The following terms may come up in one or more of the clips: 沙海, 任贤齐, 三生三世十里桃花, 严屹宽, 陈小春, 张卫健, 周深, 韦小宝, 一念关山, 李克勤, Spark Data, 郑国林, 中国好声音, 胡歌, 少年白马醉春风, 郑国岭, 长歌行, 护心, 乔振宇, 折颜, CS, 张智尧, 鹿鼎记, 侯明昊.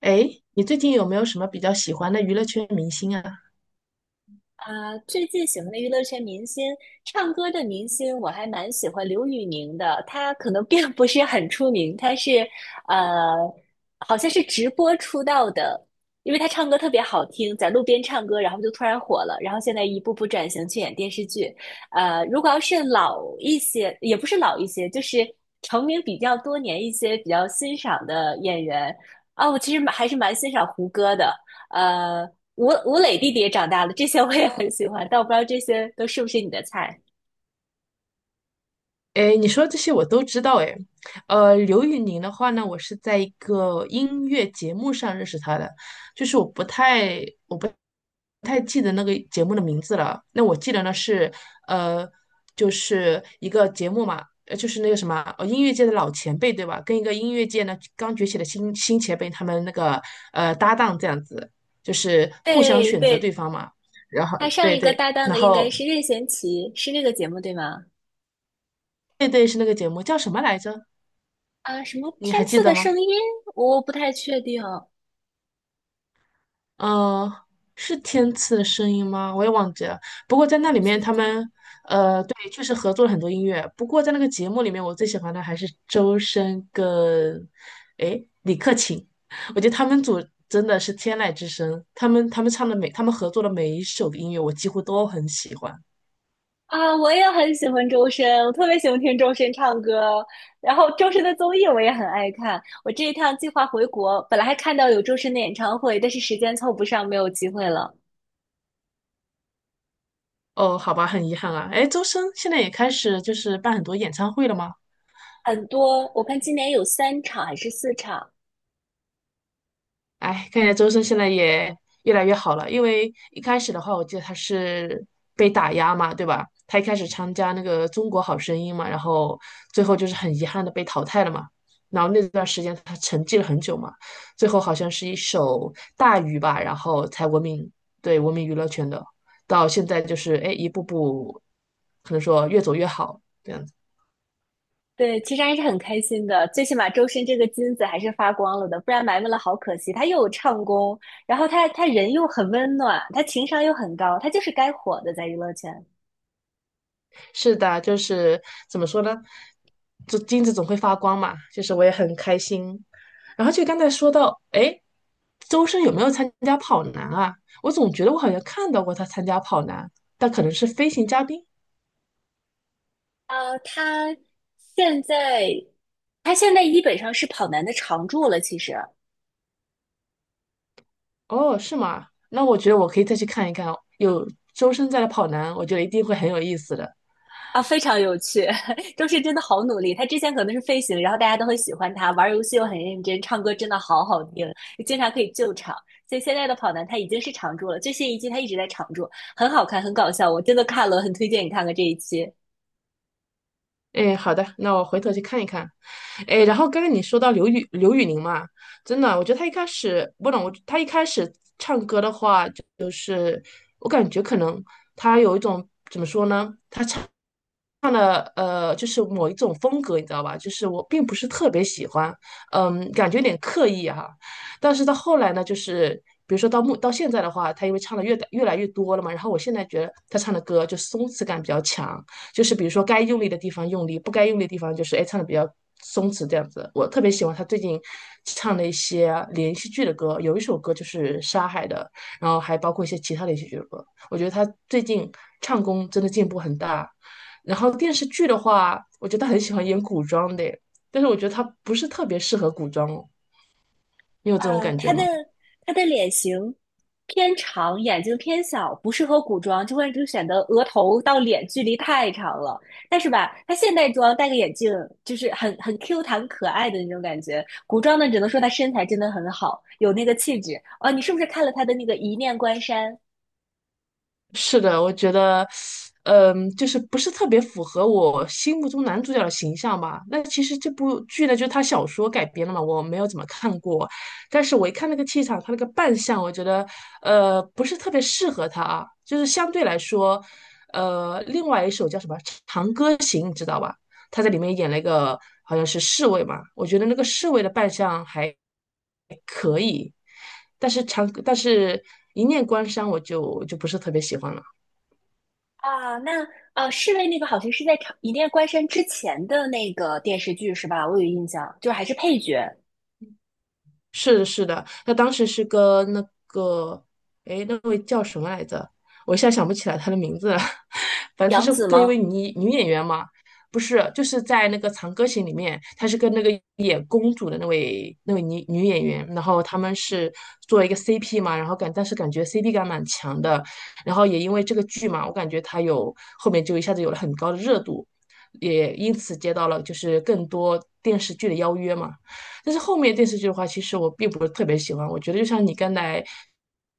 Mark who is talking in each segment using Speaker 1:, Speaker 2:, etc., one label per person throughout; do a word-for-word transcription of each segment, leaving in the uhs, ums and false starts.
Speaker 1: 诶，你最近有没有什么比较喜欢的娱乐圈明星啊？
Speaker 2: 啊，最近喜欢的娱乐圈明星，唱歌的明星，我还蛮喜欢刘宇宁的。他可能并不是很出名，他是呃，好像是直播出道的，因为他唱歌特别好听，在路边唱歌，然后就突然火了，然后现在一步步转型去演电视剧。呃，如果要是老一些，也不是老一些，就是成名比较多年一些比较欣赏的演员啊，我其实蛮还是蛮欣赏胡歌的。呃，吴吴磊弟弟也长大了，这些我也很喜欢，但我不知道这些都是不是你的菜。
Speaker 1: 诶，你说这些我都知道诶。呃，刘宇宁的话呢，我是在一个音乐节目上认识他的，就是我不太我不太记得那个节目的名字了。那我记得呢是呃，就是一个节目嘛，呃，就是那个什么，呃，音乐界的老前辈对吧？跟一个音乐界呢刚崛起的新新前辈他们那个呃搭档这样子，就是互相
Speaker 2: 对
Speaker 1: 选择对
Speaker 2: 对，
Speaker 1: 方嘛。然后
Speaker 2: 他上
Speaker 1: 对
Speaker 2: 一个
Speaker 1: 对，
Speaker 2: 搭档
Speaker 1: 然
Speaker 2: 的应该
Speaker 1: 后
Speaker 2: 是任贤齐，是那个节目对吗？
Speaker 1: 对对，是那个节目，叫什么来着？
Speaker 2: 啊，什么
Speaker 1: 你还
Speaker 2: 天
Speaker 1: 记
Speaker 2: 赐的
Speaker 1: 得吗？
Speaker 2: 声音？我不太确定，我
Speaker 1: 嗯，是天赐的声音吗？我也忘记了。不过在那里
Speaker 2: 不
Speaker 1: 面，
Speaker 2: 确
Speaker 1: 他
Speaker 2: 定。
Speaker 1: 们呃，对，确实合作了很多音乐。不过在那个节目里面，我最喜欢的还是周深跟诶李克勤，我觉得他们组真的是天籁之声。他们他们唱的每他们合作的每一首的音乐，我几乎都很喜欢。
Speaker 2: 啊，我也很喜欢周深，我特别喜欢听周深唱歌，然后周深的综艺我也很爱看。我这一趟计划回国，本来还看到有周深的演唱会，但是时间凑不上，没有机会了。
Speaker 1: 哦，好吧，很遗憾啊。诶，周深现在也开始就是办很多演唱会了吗？
Speaker 2: 很多，我看今年有三场还是四场，
Speaker 1: 哎，看起来周深现在也越来越好了，因为一开始的话，我记得他是被打压嘛，对吧？他一开始参加那个《中国好声音》嘛，然后最后就是很遗憾的被淘汰了嘛。然后那段时间他沉寂了很久嘛，最后好像是一首《大鱼》吧，然后才闻名，对，闻名娱乐圈的。到现在就是哎，一步步可能说越走越好。这样子。
Speaker 2: 对，其实还是很开心的，最起码周深这个金子还是发光了的，不然埋没了好可惜。他又有唱功，然后他他人又很温暖，他情商又很高，他就是该火的在娱乐圈。
Speaker 1: 是的，就是怎么说呢？这金子总会发光嘛，就是我也很开心。然后就刚才说到，哎，周深有没有参加跑男啊？我总觉得我好像看到过他参加跑男，但可能是飞行嘉宾。
Speaker 2: 呃，他现在他现在基本上是跑男的常驻了，其实。
Speaker 1: 哦，是吗？那我觉得我可以再去看一看哦，有周深在的跑男，我觉得一定会很有意思的。
Speaker 2: 啊，非常有趣，周深真的好努力。他之前可能是飞行，然后大家都很喜欢他，玩游戏又很认真，唱歌真的好好听，经常可以救场。所以现在的跑男他已经是常驻了，最新一季他一直在常驻，很好看，很搞笑，我真的看了，很推荐你看看这一期。
Speaker 1: 哎，好的，那我回头去看一看。哎，然后刚刚你说到刘宇刘宇宁嘛，真的，我觉得他一开始不懂，我他一开始唱歌的话，就是我感觉可能他有一种怎么说呢？唱的呃，就是某一种风格，你知道吧？就是我并不是特别喜欢，嗯，感觉有点刻意哈、但是到后来呢，就是比如说到目到现在的话，他因为唱的越越来越多了嘛，然后我现在觉得他唱的歌就松弛感比较强，就是比如说该用力的地方用力，不该用力的地方就是哎唱的比较松弛这样子。我特别喜欢他最近唱的一些连续剧的歌，有一首歌就是《沙海》的，然后还包括一些其他连续剧的歌。我觉得他最近唱功真的进步很大，然后电视剧的话，我觉得他很喜欢演古装的耶，但是我觉得他不是特别适合古装哦，你有这种
Speaker 2: 呃，
Speaker 1: 感
Speaker 2: 她
Speaker 1: 觉
Speaker 2: 的
Speaker 1: 吗？
Speaker 2: 她的脸型偏长，眼睛偏小，不适合古装，就会就显得额头到脸距离太长了。但是吧，她现代装戴个眼镜，就是很很 Q 弹可爱的那种感觉。古装呢，只能说她身材真的很好，有那个气质。哦，你是不是看了她的那个《一念关山》
Speaker 1: 是的，我觉得，嗯，就是不是特别符合我心目中男主角的形象吧。那其实这部剧呢，就是他小说改编的嘛，我没有怎么看过，但是我一看那个气场，他那个扮相，我觉得，呃，不是特别适合他啊。就是相对来说，呃，另外一首叫什么《长歌行》，你知道吧？他在里面演了一个好像是侍卫嘛，我觉得那个侍卫的扮相还，但是长，但是一念关山，我就就不是特别喜欢了。
Speaker 2: 啊？那呃，侍卫那个好像是在长《一念关山》之前的那个电视剧是吧？我有印象，就是还是配角，
Speaker 1: 是的，是的，他当时是跟那个，哎，那位叫什么来着？我一下想不起来他的名字了。反正他
Speaker 2: 杨
Speaker 1: 是
Speaker 2: 紫
Speaker 1: 跟一位
Speaker 2: 吗？
Speaker 1: 女女演员嘛，不是，就是在那个《长歌行》里面，他是跟那个演公主的那位那位女女演员，然后他们是做了一个 C P 嘛，然后感但是感觉 C P 感蛮强的，然后也因为这个剧嘛，我感觉他有后面就一下子有了很高的热度，也因此接到了就是更多电视剧的邀约嘛。但是后面电视剧的话，其实我并不是特别喜欢。我觉得就像你刚才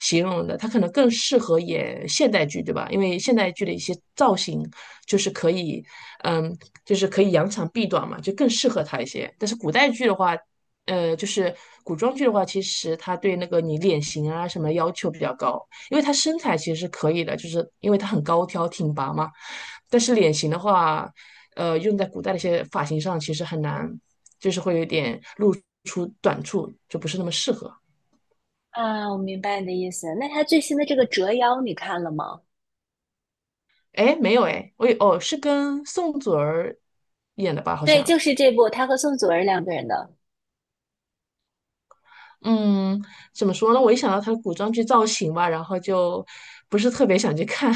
Speaker 1: 形容的，他可能更适合演现代剧，对吧？因为现代剧的一些造型就是可以，嗯，就是可以扬长避短嘛，就更适合他一些。但是古代剧的话，呃，就是古装剧的话，其实他对那个你脸型啊什么要求比较高，因为他身材其实是可以的，就是因为他很高挑挺拔嘛。但是脸型的话，呃，用在古代的一些发型上其实很难，就是会有点露出短处，就不是那么适合。
Speaker 2: 啊，我明白你的意思。那他最新的这个《折腰》你看了吗？
Speaker 1: 哎，没有哎，我也哦是跟宋祖儿演的吧，好
Speaker 2: 对，就
Speaker 1: 像。
Speaker 2: 是这部，他和宋祖儿两个人的。
Speaker 1: 嗯，怎么说呢？我一想到她的古装剧造型吧，然后就不是特别想去看。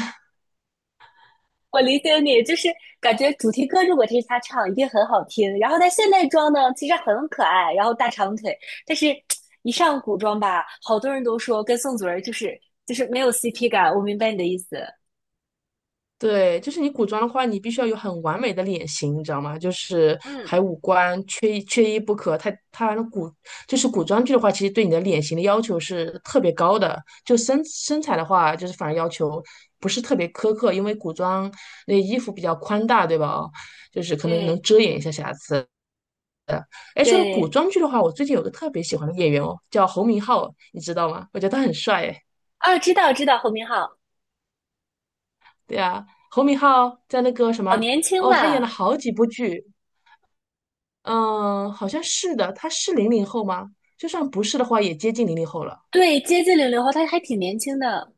Speaker 2: 我理解你，就是感觉主题歌如果听是他唱，一定很好听。然后他现代装呢，其实很可爱，然后大长腿，但是一上古装吧，好多人都说跟宋祖儿就是就是没有 C P 感。我明白你的意思。
Speaker 1: 对，就是你古装的话，你必须要有很完美的脸型，你知道吗？就是
Speaker 2: 嗯，
Speaker 1: 还有五官，缺一缺一不可。它它那古，就是古装剧的话，其实对你的脸型的要求是特别高的。就身身材的话，就是反而要求不是特别苛刻，因为古装那衣服比较宽大，对吧？哦，就是可能
Speaker 2: 对
Speaker 1: 能遮掩一下瑕疵。哎，说到古
Speaker 2: 对，
Speaker 1: 装剧的话，我最近有个特别喜欢的演员哦，叫侯明昊，你知道吗？我觉得他很帅哎。
Speaker 2: 啊，知道知道，侯明昊
Speaker 1: 对啊，侯明昊在那个什
Speaker 2: 好
Speaker 1: 么。
Speaker 2: 年轻
Speaker 1: 哦，他演了
Speaker 2: 吧？
Speaker 1: 好几部剧，嗯，好像是的，他是零零后吗？就算不是的话，也接近零零后了。
Speaker 2: 对，接近零零后，他还挺年轻的。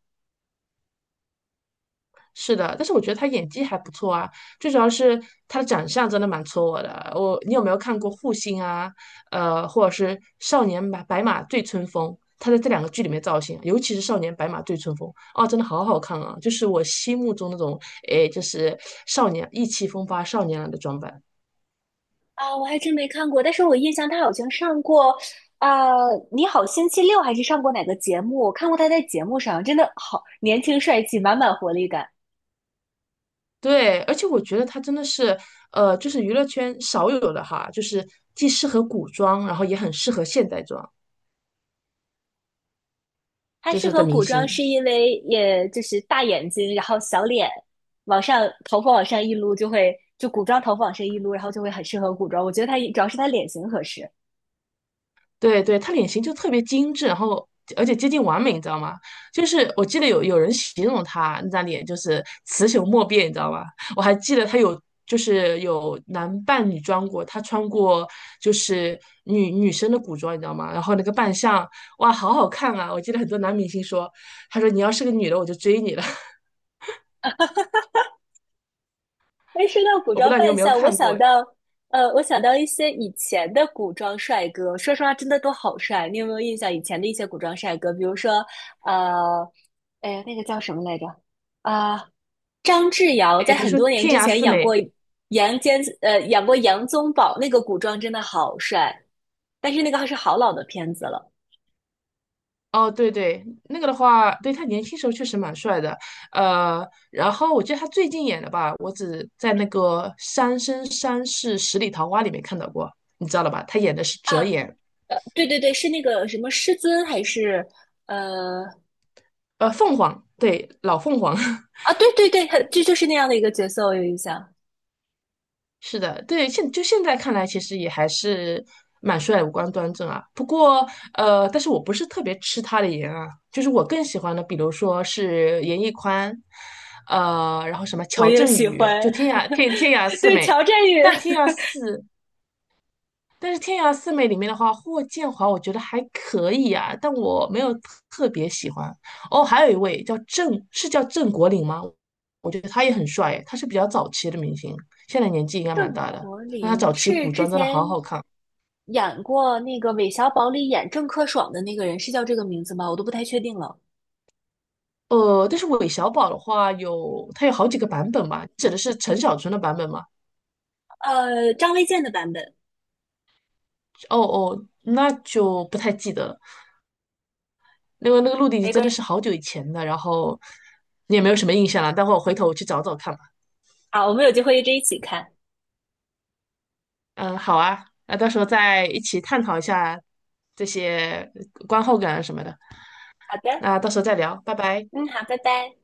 Speaker 1: 是的，但是我觉得他演技还不错啊，最主要是他的长相真的蛮戳我的。我，你有没有看过《护心》啊？呃，或者是《少年白白马醉春风》？他在这两个剧里面造型，尤其是《少年白马醉春风》，哦，真的好好看啊！就是我心目中那种，诶，就是少年意气风发少年郎的装扮。
Speaker 2: 啊，我还真没看过，但是我印象他好像上过，啊，你好星期六》还是上过哪个节目？我看过他在节目上，真的好年轻帅气，满满活力感。
Speaker 1: 对，而且我觉得它真的是，呃，就是娱乐圈少有的哈，就是既适合古装，然后也很适合现代装，
Speaker 2: 他
Speaker 1: 就
Speaker 2: 适
Speaker 1: 是的
Speaker 2: 合
Speaker 1: 明
Speaker 2: 古装
Speaker 1: 星。
Speaker 2: 是因为也就是大眼睛，然后小脸，往上头发往上一撸就会，就古装头发往上一撸，然后就会很适合古装。我觉得他主要是他脸型合适。
Speaker 1: 对对，她脸型就特别精致，然后而且接近完美，你知道吗？就是我记得有有人形容她那张脸就是雌雄莫辨，你知道吗？我还记得她有就是有男扮女装过，她穿过就是女女生的古装，你知道吗？然后那个扮相，哇，好好看啊！我记得很多男明星说，他说你要是个女的，我就追你了。
Speaker 2: 哎，说到古
Speaker 1: 我不
Speaker 2: 装
Speaker 1: 知道你有
Speaker 2: 扮
Speaker 1: 没有
Speaker 2: 相，我
Speaker 1: 看
Speaker 2: 想
Speaker 1: 过，
Speaker 2: 到，呃，我想到一些以前的古装帅哥，说实话，真的都好帅。你有没有印象以前的一些古装帅哥？比如说，呃，哎那个叫什么来着？啊、张智尧
Speaker 1: 哎，
Speaker 2: 在
Speaker 1: 比如
Speaker 2: 很
Speaker 1: 说
Speaker 2: 多年之
Speaker 1: 《天涯
Speaker 2: 前
Speaker 1: 四
Speaker 2: 演
Speaker 1: 美》，
Speaker 2: 过杨坚，呃，演过杨宗保，那个古装真的好帅。但是那个还是好老的片子了
Speaker 1: 哦，对对，那个的话，对他年轻时候确实蛮帅的，呃，然后我记得他最近演的吧，我只在那个《三生三世十里桃花》里面看到过，你知道了吧？他演的是折
Speaker 2: 啊，
Speaker 1: 颜，
Speaker 2: 呃，对对对，是那个什么师尊还是呃
Speaker 1: 呃，凤凰，对，老凤凰，
Speaker 2: 啊，对对对，他这就是那样的一个角色，我有印象。
Speaker 1: 是的，对，现就现在看来，其实也还是蛮帅，五官端正啊。不过，呃，但是我不是特别吃他的颜啊，就是我更喜欢的，比如说是严屹宽，呃，然后什么
Speaker 2: 我
Speaker 1: 乔
Speaker 2: 也
Speaker 1: 振
Speaker 2: 喜
Speaker 1: 宇，就
Speaker 2: 欢。
Speaker 1: 天涯 天天涯四
Speaker 2: 对，
Speaker 1: 美，
Speaker 2: 乔振宇、
Speaker 1: 但天涯四但是天涯四美里面的话，霍建华我觉得还可以啊，但我没有特别喜欢。哦，还有一位叫郑，是叫郑国岭吗？我觉得他也很帅诶，他是比较早期的明星，现在年纪应该蛮
Speaker 2: 郑
Speaker 1: 大的。
Speaker 2: 国
Speaker 1: 那他
Speaker 2: 林
Speaker 1: 早期
Speaker 2: 是
Speaker 1: 古
Speaker 2: 之
Speaker 1: 装真的
Speaker 2: 前
Speaker 1: 好好看。
Speaker 2: 演过那个韦小宝里演郑克爽的那个人，是叫这个名字吗？我都不太确定了。
Speaker 1: 呃，但是韦小宝的话有，他有好几个版本吧？指的是陈小春的版本吗？
Speaker 2: 呃，张卫健的版本。
Speaker 1: 哦哦，那就不太记得了。那个那个《鹿鼎记》
Speaker 2: 玫
Speaker 1: 真的是
Speaker 2: 瑰。
Speaker 1: 好久以前的，然后你也没有什么印象了。待会儿我回头我去找找看吧。
Speaker 2: 好，我们有机会一直一起看。
Speaker 1: 嗯，好啊，那到时候再一起探讨一下这些呃观后感啊什么的。
Speaker 2: 好的，
Speaker 1: 那到时候再聊，拜拜。
Speaker 2: 嗯，好，拜拜。